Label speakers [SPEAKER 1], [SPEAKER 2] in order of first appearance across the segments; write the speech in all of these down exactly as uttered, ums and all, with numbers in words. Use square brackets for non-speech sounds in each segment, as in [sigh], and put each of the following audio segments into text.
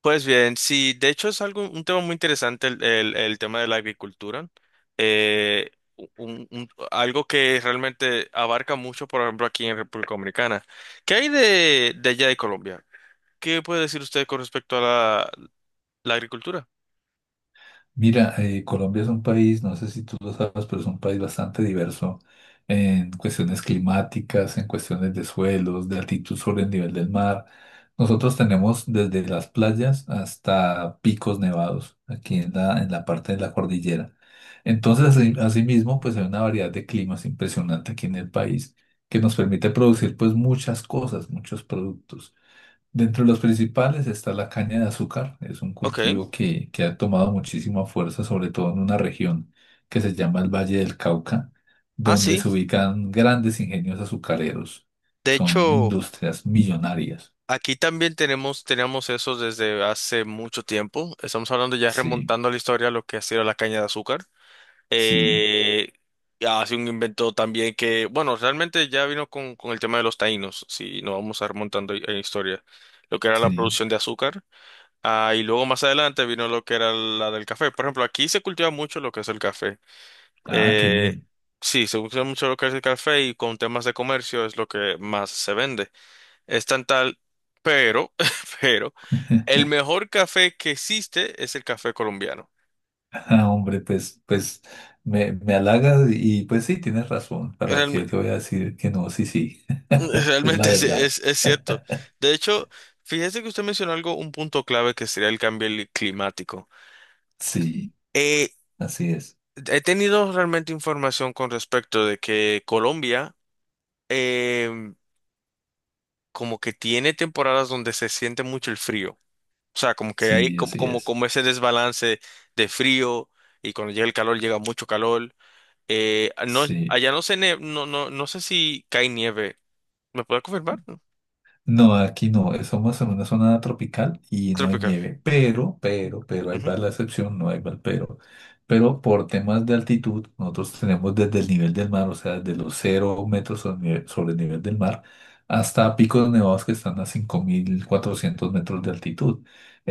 [SPEAKER 1] Pues bien, sí, de hecho es algo, un tema muy interesante el, el- el tema de la agricultura. Eh, un- un- algo que realmente abarca mucho, por ejemplo, aquí en República Dominicana. ¿Qué hay de, de allá de Colombia? ¿Qué puede decir usted con respecto a la, la agricultura?
[SPEAKER 2] Mira, eh, Colombia es un país, no sé si tú lo sabes, pero es un país bastante diverso en cuestiones climáticas, en cuestiones de suelos, de altitud sobre el nivel del mar. Nosotros tenemos desde las playas hasta picos nevados aquí en la, en la parte de la cordillera. Entonces, así- asimismo, pues hay una variedad de climas impresionante aquí en el país que nos permite producir pues muchas cosas, muchos productos. Dentro de los principales está la caña de azúcar. Es un
[SPEAKER 1] Ok.
[SPEAKER 2] cultivo que, que ha tomado muchísima fuerza, sobre todo en una región que se llama el Valle del Cauca,
[SPEAKER 1] Ah,
[SPEAKER 2] donde
[SPEAKER 1] sí.
[SPEAKER 2] se ubican grandes ingenios azucareros.
[SPEAKER 1] De
[SPEAKER 2] Son
[SPEAKER 1] hecho,
[SPEAKER 2] industrias millonarias.
[SPEAKER 1] aquí también tenemos, tenemos eso desde hace mucho tiempo. Estamos hablando ya
[SPEAKER 2] Sí,
[SPEAKER 1] remontando a la historia lo que ha sido la caña de azúcar.
[SPEAKER 2] sí,
[SPEAKER 1] Eh, ah, hace un invento también que, bueno, realmente ya vino con, con el tema de los taínos, si nos vamos a remontando en historia, lo que era la
[SPEAKER 2] sí.
[SPEAKER 1] producción de azúcar, ah, y luego más adelante vino lo que era la del café. Por ejemplo, aquí se cultiva mucho lo que es el café.
[SPEAKER 2] Ah, qué bien.
[SPEAKER 1] Eh,
[SPEAKER 2] [laughs]
[SPEAKER 1] sí, se cultiva mucho lo que es el café y con temas de comercio es lo que más se vende. Es tan tal, pero, [laughs] pero, el mejor café que existe es el café colombiano.
[SPEAKER 2] Ah, hombre, pues, pues me, me halagas y pues sí, tienes razón. ¿Para qué te voy a decir que no? Sí, sí.
[SPEAKER 1] [laughs]
[SPEAKER 2] [laughs] Es la
[SPEAKER 1] Realmente es,
[SPEAKER 2] verdad.
[SPEAKER 1] es, es cierto.
[SPEAKER 2] [laughs]
[SPEAKER 1] De hecho, fíjese que usted mencionó algo, un punto clave que sería el cambio li- climático.
[SPEAKER 2] Sí,
[SPEAKER 1] Eh,
[SPEAKER 2] así es.
[SPEAKER 1] he tenido realmente información con respecto de que Colombia em, como que tiene temporadas donde se siente mucho el frío. O sea, como que hay
[SPEAKER 2] Sí,
[SPEAKER 1] como,
[SPEAKER 2] así
[SPEAKER 1] como,
[SPEAKER 2] es.
[SPEAKER 1] como ese desbalance de frío y cuando llega el calor llega mucho calor. Eh, ah, no,
[SPEAKER 2] Sí.
[SPEAKER 1] allá no se ne- no, no, no sé si cae nieve. ¿Me puede confirmar? ¿No?
[SPEAKER 2] No, aquí no. eh, Somos en una zona tropical y no hay
[SPEAKER 1] Tropical.
[SPEAKER 2] nieve. Pero, pero, pero, ahí
[SPEAKER 1] Ujú.
[SPEAKER 2] va la excepción, no hay va el pero. Pero por temas de altitud, nosotros tenemos desde el nivel del mar, o sea, desde los cero metros sobre nive- sobre el nivel del mar, hasta picos nevados que están a cinco mil cuatrocientos metros de altitud.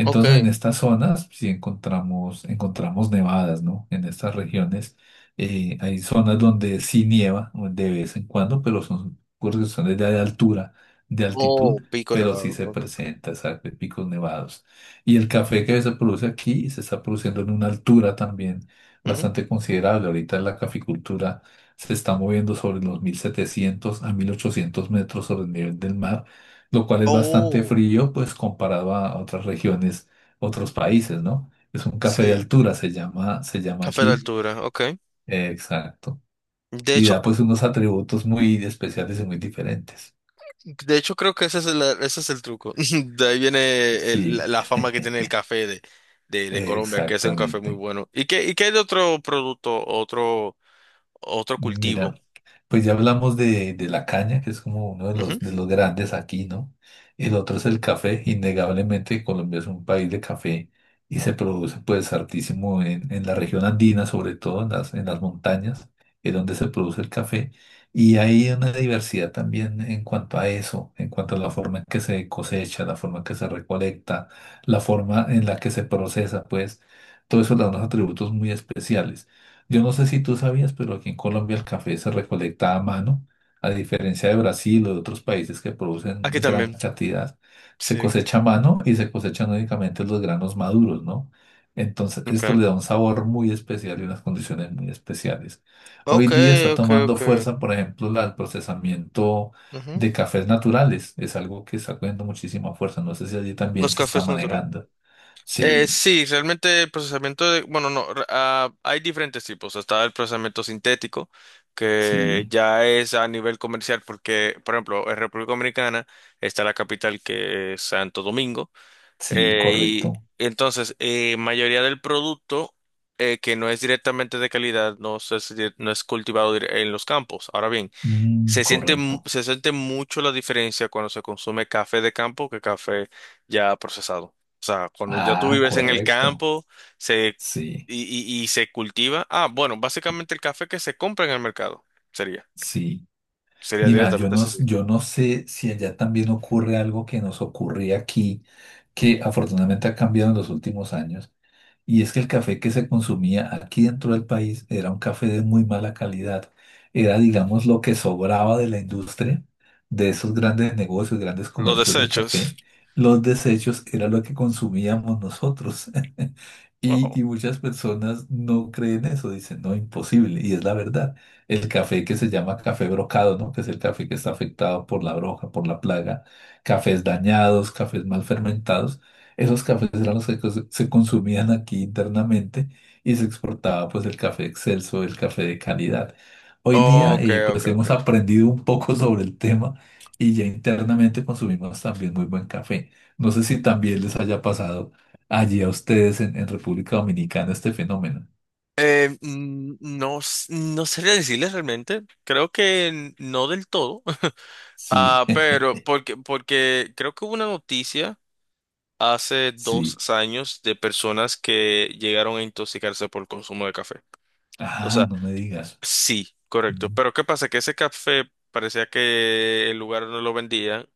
[SPEAKER 1] Ok.
[SPEAKER 2] en estas zonas sí encontramos, encontramos nevadas, ¿no? En estas regiones eh, hay zonas donde sí nieva de vez en cuando, pero son por cuestiones de altura de
[SPEAKER 1] Oh,
[SPEAKER 2] altitud,
[SPEAKER 1] Pico
[SPEAKER 2] pero sí
[SPEAKER 1] Nevado.
[SPEAKER 2] se
[SPEAKER 1] Okay.
[SPEAKER 2] presenta, exacto, en picos nevados. Y el café que se produce aquí se está produciendo en una altura también
[SPEAKER 1] Ujú.
[SPEAKER 2] bastante considerable. Ahorita la caficultura se está moviendo sobre los mil setecientos a mil ochocientos metros sobre el nivel del mar, lo cual es bastante
[SPEAKER 1] Oh,
[SPEAKER 2] frío, pues comparado a otras regiones, otros países, ¿no? Es un café de
[SPEAKER 1] sí.
[SPEAKER 2] altura, se llama, se llama
[SPEAKER 1] Café de
[SPEAKER 2] aquí.
[SPEAKER 1] altura, ok.
[SPEAKER 2] Eh, Exacto.
[SPEAKER 1] De
[SPEAKER 2] Y
[SPEAKER 1] hecho,
[SPEAKER 2] da
[SPEAKER 1] pu-
[SPEAKER 2] pues unos atributos muy especiales y muy diferentes.
[SPEAKER 1] de hecho creo que ese es el, ese es el truco. [laughs] De ahí viene el- la
[SPEAKER 2] Sí.
[SPEAKER 1] la fama que tiene el café de, de, de Colombia, que es un café muy
[SPEAKER 2] Exactamente.
[SPEAKER 1] bueno. ¿Y qué, y qué hay de otro producto, otro, otro cultivo?
[SPEAKER 2] Mira, pues ya hablamos de, de la caña, que es como uno de
[SPEAKER 1] Ujú.
[SPEAKER 2] los, de los grandes aquí, ¿no? El otro es el café. Innegablemente Colombia es un país de café y se produce pues hartísimo en, en la región andina, sobre todo en las, en las montañas, es donde se produce el café. Y hay una diversidad también en cuanto a eso, en cuanto a la forma en que se cosecha, la forma en que se recolecta, la forma en la que se procesa, pues todo eso le da unos atributos muy especiales. Yo no sé si tú sabías, pero aquí en Colombia el café se recolecta a mano, a diferencia de Brasil o de otros países que producen
[SPEAKER 1] Aquí
[SPEAKER 2] gran
[SPEAKER 1] también,
[SPEAKER 2] cantidad, se
[SPEAKER 1] sí.
[SPEAKER 2] cosecha a mano y se cosechan únicamente los granos maduros, ¿no? Entonces, esto
[SPEAKER 1] Okay.
[SPEAKER 2] le da un sabor muy especial y unas condiciones muy especiales. Hoy
[SPEAKER 1] Ok,
[SPEAKER 2] día está
[SPEAKER 1] ok,
[SPEAKER 2] tomando
[SPEAKER 1] ok.
[SPEAKER 2] fuerza, por ejemplo, la- el procesamiento
[SPEAKER 1] Ujú.
[SPEAKER 2] de cafés naturales. Es algo que está cogiendo muchísima fuerza. No sé si allí también
[SPEAKER 1] Los
[SPEAKER 2] se está
[SPEAKER 1] cafés naturales.
[SPEAKER 2] manejando.
[SPEAKER 1] Eh,
[SPEAKER 2] Sí,
[SPEAKER 1] sí, realmente el procesamiento de, bueno, no, re- ah, hay diferentes tipos. Está el procesamiento sintético, que
[SPEAKER 2] sí,
[SPEAKER 1] ya es a nivel comercial, porque, por ejemplo, en República Dominicana está la capital que es Santo Domingo,
[SPEAKER 2] sí,
[SPEAKER 1] eh, y
[SPEAKER 2] correcto.
[SPEAKER 1] entonces, eh, mayoría del producto eh, que no es directamente de calidad, no se- no es cultivado dire- en los campos. Ahora bien,
[SPEAKER 2] Mm,
[SPEAKER 1] se siente, mu-
[SPEAKER 2] correcto.
[SPEAKER 1] se siente mucho la diferencia cuando se consume café de campo que café ya procesado. O sea, cuando ya tú
[SPEAKER 2] Ah,
[SPEAKER 1] vives en el
[SPEAKER 2] correcto.
[SPEAKER 1] campo se,
[SPEAKER 2] Sí,
[SPEAKER 1] y, y- y se cultiva. Ah, bueno, básicamente el café que se compra en el mercado sería.
[SPEAKER 2] sí.
[SPEAKER 1] Sería
[SPEAKER 2] Mira, yo
[SPEAKER 1] directamente
[SPEAKER 2] no,
[SPEAKER 1] así.
[SPEAKER 2] yo no sé si allá también ocurre algo que nos ocurría aquí, que afortunadamente ha cambiado en los últimos años, y es que el café que se consumía aquí dentro del país era un café de muy mala calidad. Era, digamos, lo que sobraba de la industria, de esos grandes negocios, grandes
[SPEAKER 1] Los
[SPEAKER 2] comercios de
[SPEAKER 1] desechos.
[SPEAKER 2] café. Los desechos era lo que consumíamos nosotros. [laughs]
[SPEAKER 1] Oh.
[SPEAKER 2] Y, y muchas personas no creen eso, dicen, no, imposible. Y es la verdad. El café que se llama café brocado, ¿no? Que es el café que está afectado por la broja, por la plaga, cafés dañados, cafés mal fermentados, esos cafés eran los que cos- se consumían aquí internamente y se exportaba pues el café excelso, el café de calidad. Hoy día
[SPEAKER 1] Ok,
[SPEAKER 2] eh,
[SPEAKER 1] ok,
[SPEAKER 2] pues hemos
[SPEAKER 1] ok.
[SPEAKER 2] aprendido un poco [laughs] sobre el tema y ya internamente consumimos también muy buen café. No sé si también les haya pasado allí a ustedes en, en República Dominicana este fenómeno.
[SPEAKER 1] Eh, mm, no, s- no sería decirles realmente. Creo que no del todo. [laughs]
[SPEAKER 2] Sí,
[SPEAKER 1] Ah, pero
[SPEAKER 2] [laughs]
[SPEAKER 1] porque, porque creo que hubo una noticia. Hace dos
[SPEAKER 2] sí.
[SPEAKER 1] años de personas que llegaron a intoxicarse por el consumo de café. O
[SPEAKER 2] Ah,
[SPEAKER 1] sea,
[SPEAKER 2] no me digas.
[SPEAKER 1] sí, correcto.
[SPEAKER 2] Mm.
[SPEAKER 1] Pero ¿qué pasa? Que ese café parecía que el lugar donde lo vendían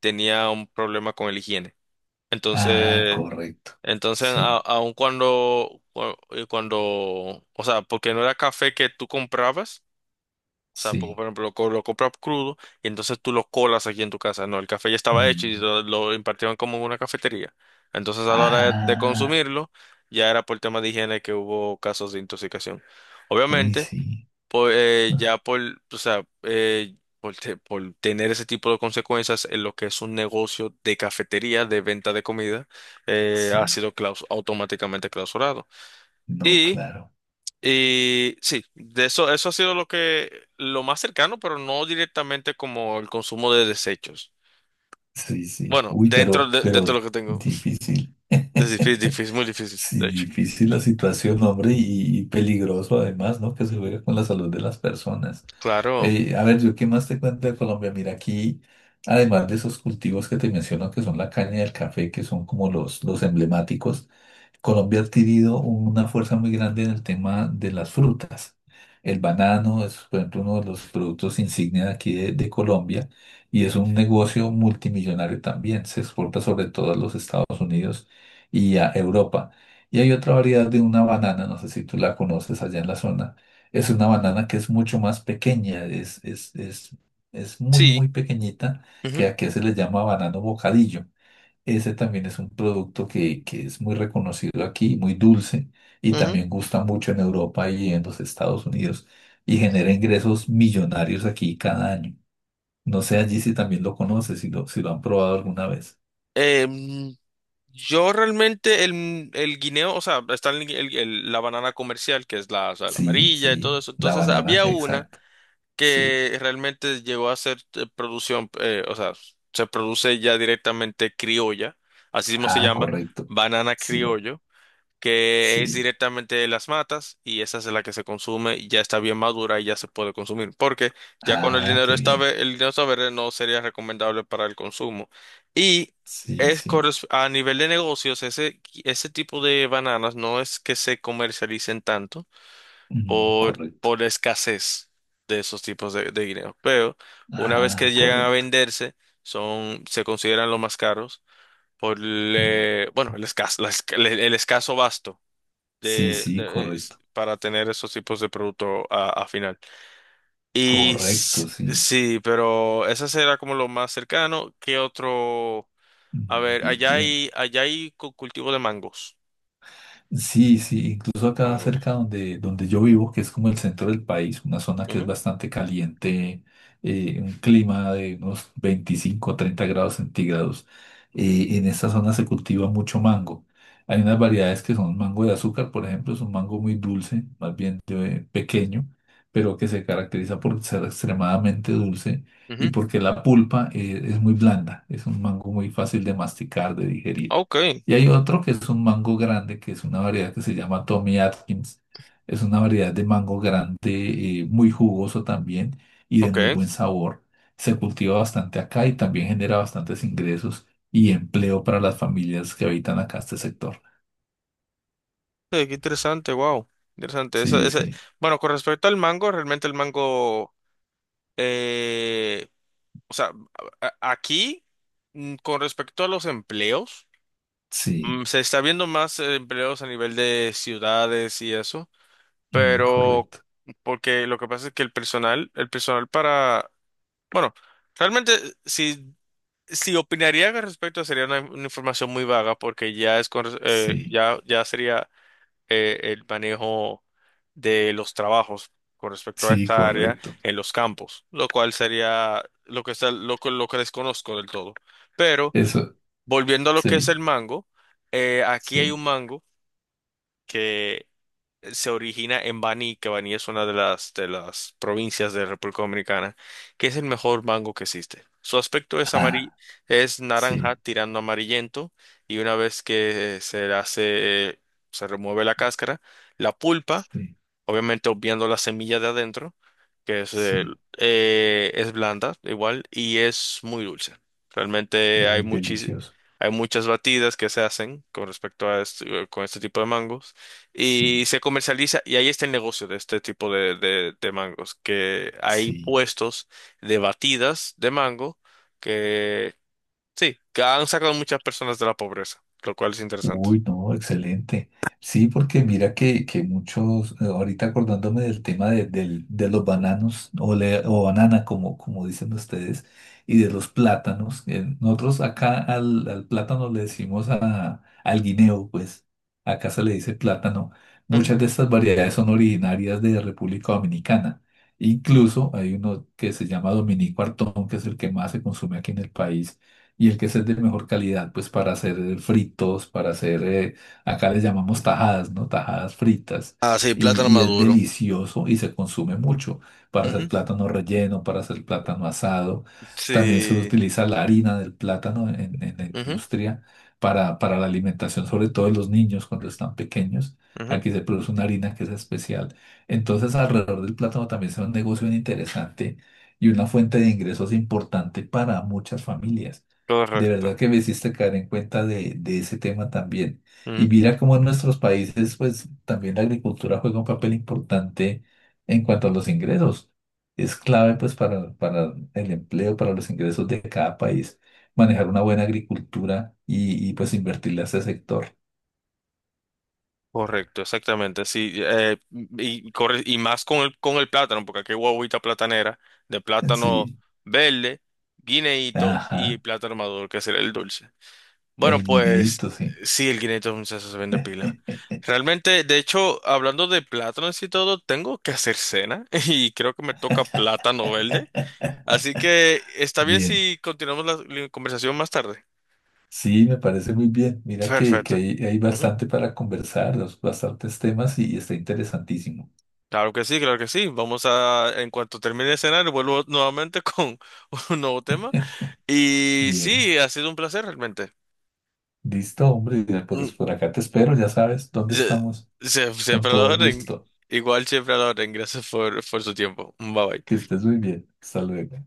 [SPEAKER 1] tenía un problema con el higiene.
[SPEAKER 2] Ah,
[SPEAKER 1] Entonces,
[SPEAKER 2] correcto.
[SPEAKER 1] entonces, a-
[SPEAKER 2] Sí,
[SPEAKER 1] aun cuando, cu- eh, cuando, o sea, porque no era café que tú comprabas, o sea, por
[SPEAKER 2] sí.
[SPEAKER 1] por ejemplo, lo, co- lo compras crudo y entonces tú lo colas aquí en tu casa. No, el café ya estaba hecho y
[SPEAKER 2] Mm.
[SPEAKER 1] lo, lo impartieron como en una cafetería. Entonces, a la hora de, de
[SPEAKER 2] Ah,
[SPEAKER 1] consumirlo, ya era por tema de higiene que hubo casos de intoxicación.
[SPEAKER 2] uy,
[SPEAKER 1] Obviamente,
[SPEAKER 2] sí.
[SPEAKER 1] po- eh, ya por, o sea, eh, por, te- por tener ese tipo de consecuencias en lo que es un negocio de cafetería, de venta de comida, eh, ha
[SPEAKER 2] Sí,
[SPEAKER 1] sido claus- automáticamente clausurado.
[SPEAKER 2] no, claro.
[SPEAKER 1] Y sí, de eso, eso ha sido lo que, lo más cercano, pero no directamente como el consumo de desechos.
[SPEAKER 2] Sí, sí.
[SPEAKER 1] Bueno,
[SPEAKER 2] Uy,
[SPEAKER 1] dentro
[SPEAKER 2] pero,
[SPEAKER 1] de, dentro de
[SPEAKER 2] pero
[SPEAKER 1] lo que tengo. [laughs]
[SPEAKER 2] difícil.
[SPEAKER 1] Es difícil,
[SPEAKER 2] [laughs]
[SPEAKER 1] difícil, muy difícil,
[SPEAKER 2] Sí,
[SPEAKER 1] de hecho.
[SPEAKER 2] difícil la situación, hombre, y, y peligroso además, ¿no? Que se juega con la salud de las personas.
[SPEAKER 1] Claro.
[SPEAKER 2] Eh, a ver, yo qué más te cuento de Colombia. Mira, aquí, además de esos cultivos que te menciono, que son la caña y el café, que son como los, los emblemáticos, Colombia ha adquirido una fuerza muy grande en el tema de las frutas. El banano es, por ejemplo, uno de los productos insignia de aquí de, de Colombia y es un negocio multimillonario también. Se exporta sobre todo a los Estados Unidos y a Europa. Y hay otra variedad de una banana, no sé si tú la conoces allá en la zona. Es una banana que es mucho más pequeña, es, es, es, es muy,
[SPEAKER 1] Sí.
[SPEAKER 2] muy pequeñita,
[SPEAKER 1] Ujú,
[SPEAKER 2] que aquí se le llama banano bocadillo. Ese también es un producto que, que es muy reconocido aquí, muy dulce, y
[SPEAKER 1] ujú.
[SPEAKER 2] también gusta mucho en Europa y en los Estados Unidos, y genera ingresos millonarios aquí cada año. No sé allí si también lo conoces, si lo, si lo han probado alguna vez.
[SPEAKER 1] Em, yo realmente el, el guineo, o sea, está el- el- el- la banana comercial, que es la, o sea, la
[SPEAKER 2] Sí,
[SPEAKER 1] amarilla y
[SPEAKER 2] sí,
[SPEAKER 1] todo eso.
[SPEAKER 2] la
[SPEAKER 1] Entonces
[SPEAKER 2] banana,
[SPEAKER 1] había una.
[SPEAKER 2] exacto. Sí.
[SPEAKER 1] Que realmente llegó a ser eh, producción, eh, o sea, se produce ya directamente criolla, así mismo se
[SPEAKER 2] Ah,
[SPEAKER 1] llama,
[SPEAKER 2] correcto.
[SPEAKER 1] banana
[SPEAKER 2] Sí,
[SPEAKER 1] criollo, que es
[SPEAKER 2] sí.
[SPEAKER 1] directamente de las matas y esa es la que se consume y ya está bien madura y ya se puede consumir, porque ya con el
[SPEAKER 2] Ah,
[SPEAKER 1] dinero
[SPEAKER 2] qué
[SPEAKER 1] está
[SPEAKER 2] bien.
[SPEAKER 1] ve- el dinero está verde no sería recomendable para el consumo. Y
[SPEAKER 2] Sí,
[SPEAKER 1] es
[SPEAKER 2] sí.
[SPEAKER 1] corres- a nivel de negocios, ese, ese tipo de bananas no es que se comercialicen tanto
[SPEAKER 2] Mm,
[SPEAKER 1] por,
[SPEAKER 2] correcto.
[SPEAKER 1] por la escasez de esos tipos de, de guineos. Pero una vez que
[SPEAKER 2] Ah,
[SPEAKER 1] llegan a
[SPEAKER 2] correcto.
[SPEAKER 1] venderse, son, se consideran los más caros por
[SPEAKER 2] Mm,
[SPEAKER 1] le- bueno, el escaso, la esca- el, el escaso basto
[SPEAKER 2] sí,
[SPEAKER 1] de,
[SPEAKER 2] sí,
[SPEAKER 1] de- es-
[SPEAKER 2] correcto.
[SPEAKER 1] para tener esos tipos de producto a, a final. Y
[SPEAKER 2] Correcto,
[SPEAKER 1] s-
[SPEAKER 2] sí.
[SPEAKER 1] sí, pero esa será como lo más cercano. ¿Qué otro? A
[SPEAKER 2] Mm,
[SPEAKER 1] ver,
[SPEAKER 2] bien,
[SPEAKER 1] allá
[SPEAKER 2] bien.
[SPEAKER 1] hay, allá hay cu- cultivo de mangos.
[SPEAKER 2] Sí, sí, incluso acá
[SPEAKER 1] Mangos.
[SPEAKER 2] cerca donde, donde yo vivo, que es como el centro del país, una zona que es
[SPEAKER 1] Ujú,
[SPEAKER 2] bastante caliente, eh, un clima de unos veinticinco o treinta grados centígrados. Eh, en esta zona se cultiva mucho mango. Hay unas variedades que son mango de azúcar, por ejemplo, es un mango muy dulce, más bien de- pequeño, pero que se caracteriza por ser extremadamente dulce y
[SPEAKER 1] ujú.
[SPEAKER 2] porque la pulpa, eh, es muy blanda, es un mango muy fácil de masticar, de digerir.
[SPEAKER 1] Ok,
[SPEAKER 2] Y hay otro que es un mango grande, que es una variedad que se llama Tommy Atkins. Es una variedad de mango grande, eh, muy jugoso también y de
[SPEAKER 1] ok.
[SPEAKER 2] muy buen sabor. Se cultiva bastante acá y también genera bastantes ingresos y empleo para las familias que habitan acá este sector.
[SPEAKER 1] Sí, qué interesante, wow. Interesante. Esa-
[SPEAKER 2] Sí,
[SPEAKER 1] esa-
[SPEAKER 2] sí,
[SPEAKER 1] Bueno, con respecto al mango, realmente el mango, eh, o sea, a- a- aquí, mm, con respecto a los empleos, mm,
[SPEAKER 2] sí,
[SPEAKER 1] se está viendo más eh, empleos a nivel de ciudades y eso,
[SPEAKER 2] mm,
[SPEAKER 1] pero
[SPEAKER 2] correcto.
[SPEAKER 1] porque lo que pasa es que el personal, el personal para, bueno, realmente eh, si, si opinaría con respecto sería una, una información muy vaga porque ya es con, res- eh,
[SPEAKER 2] Sí,
[SPEAKER 1] ya, ya sería eh, el manejo de los trabajos con respecto a
[SPEAKER 2] sí,
[SPEAKER 1] esta área
[SPEAKER 2] correcto.
[SPEAKER 1] en los campos, lo cual sería lo que está, lo, que- lo que desconozco del todo. Pero
[SPEAKER 2] Eso,
[SPEAKER 1] volviendo a lo que es
[SPEAKER 2] sí,
[SPEAKER 1] el mango, eh, aquí hay un
[SPEAKER 2] sí.
[SPEAKER 1] mango que se origina en Baní, que Baní es una de las, de las provincias de República Dominicana, que es el mejor mango que existe. Su aspecto es amarillo,
[SPEAKER 2] Ah,
[SPEAKER 1] es naranja
[SPEAKER 2] sí,
[SPEAKER 1] tirando amarillento y una vez que se le hace, se remueve la cáscara, la pulpa,
[SPEAKER 2] sí,
[SPEAKER 1] obviamente obviando la semilla de adentro, que es, eh,
[SPEAKER 2] sí.
[SPEAKER 1] eh, es blanda igual y es muy dulce. Realmente hay
[SPEAKER 2] Muy
[SPEAKER 1] muchis-
[SPEAKER 2] delicioso.
[SPEAKER 1] hay muchas batidas que se hacen con respecto a este, con este tipo de mangos y
[SPEAKER 2] Sí,
[SPEAKER 1] se comercializa y ahí está el negocio de este tipo de, de, de mangos, que hay
[SPEAKER 2] sí.
[SPEAKER 1] puestos de batidas de mango que sí, que han sacado muchas personas de la pobreza, lo cual es interesante.
[SPEAKER 2] Uy, no, excelente. Sí, porque mira que, que muchos, eh, ahorita acordándome del tema de, del- de los bananos o, le- o banana, como, como dicen ustedes, y de los plátanos. Eh, nosotros acá al, al plátano le decimos a, al guineo, pues acá se le dice plátano.
[SPEAKER 1] Ujú.
[SPEAKER 2] Muchas de estas variedades son originarias de República Dominicana. Incluso hay uno que se llama Dominico Artón, que es el que más se consume aquí en el país y el que es el de mejor calidad, pues para hacer eh, fritos, para hacer, eh, acá les llamamos tajadas, ¿no? Tajadas fritas.
[SPEAKER 1] Ah, sí,
[SPEAKER 2] Y,
[SPEAKER 1] plátano
[SPEAKER 2] y es
[SPEAKER 1] maduro.
[SPEAKER 2] delicioso y se consume mucho para hacer
[SPEAKER 1] Ujú.
[SPEAKER 2] plátano relleno, para hacer plátano asado. También se
[SPEAKER 1] Sí,
[SPEAKER 2] utiliza la harina del plátano en, en la
[SPEAKER 1] ujú,
[SPEAKER 2] industria para, para la alimentación, sobre todo de los niños cuando están pequeños.
[SPEAKER 1] ujú.
[SPEAKER 2] Aquí se produce una harina que es especial. Entonces, alrededor del plátano también es un negocio bien interesante y una fuente de ingresos importante para muchas familias. De
[SPEAKER 1] Correcto.
[SPEAKER 2] verdad que me hiciste caer en cuenta de, de ese tema también. Y
[SPEAKER 1] Ujú.
[SPEAKER 2] mira cómo en nuestros países, pues también la agricultura juega un papel importante en cuanto a los ingresos. Es clave, pues, para, para el empleo, para los ingresos de cada país, manejar una buena agricultura y, y pues, invertirle a ese sector.
[SPEAKER 1] Correcto, exactamente, sí, eh, y, corre- y más con el, con el plátano, porque aquí hay guaguita platanera de plátano
[SPEAKER 2] Sí,
[SPEAKER 1] verde, guineíto y
[SPEAKER 2] ajá,
[SPEAKER 1] plátano maduro, que será el dulce. Bueno,
[SPEAKER 2] el
[SPEAKER 1] pues
[SPEAKER 2] guineíto, sí.
[SPEAKER 1] sí, el cinco once se vende pila. Realmente, de hecho, hablando de plátanos y todo, tengo que hacer cena [laughs] y creo que me toca plátano verde. Así que
[SPEAKER 2] [laughs]
[SPEAKER 1] está bien
[SPEAKER 2] Bien.
[SPEAKER 1] si continuamos la, la conversación más tarde.
[SPEAKER 2] Sí, me parece muy bien. Mira que, que
[SPEAKER 1] Perfecto.
[SPEAKER 2] hay, hay
[SPEAKER 1] Ujú.
[SPEAKER 2] bastante para conversar, los- bastantes temas y, está interesantísimo.
[SPEAKER 1] Claro que sí, claro que sí. Vamos a, en cuanto termine de cenar, vuelvo nuevamente con [laughs] un nuevo tema. Y
[SPEAKER 2] Bien,
[SPEAKER 1] sí, ha sido un placer realmente.
[SPEAKER 2] listo, hombre. Ya, pues
[SPEAKER 1] Mm,
[SPEAKER 2] por por acá te espero, ya sabes dónde
[SPEAKER 1] se-
[SPEAKER 2] estamos.
[SPEAKER 1] se-
[SPEAKER 2] Es con
[SPEAKER 1] Siempre a la
[SPEAKER 2] todo el
[SPEAKER 1] orden.
[SPEAKER 2] gusto.
[SPEAKER 1] Igual siempre a la orden. Gracias por, por su tiempo. Bye
[SPEAKER 2] Que
[SPEAKER 1] bye.
[SPEAKER 2] estés muy bien. Hasta luego.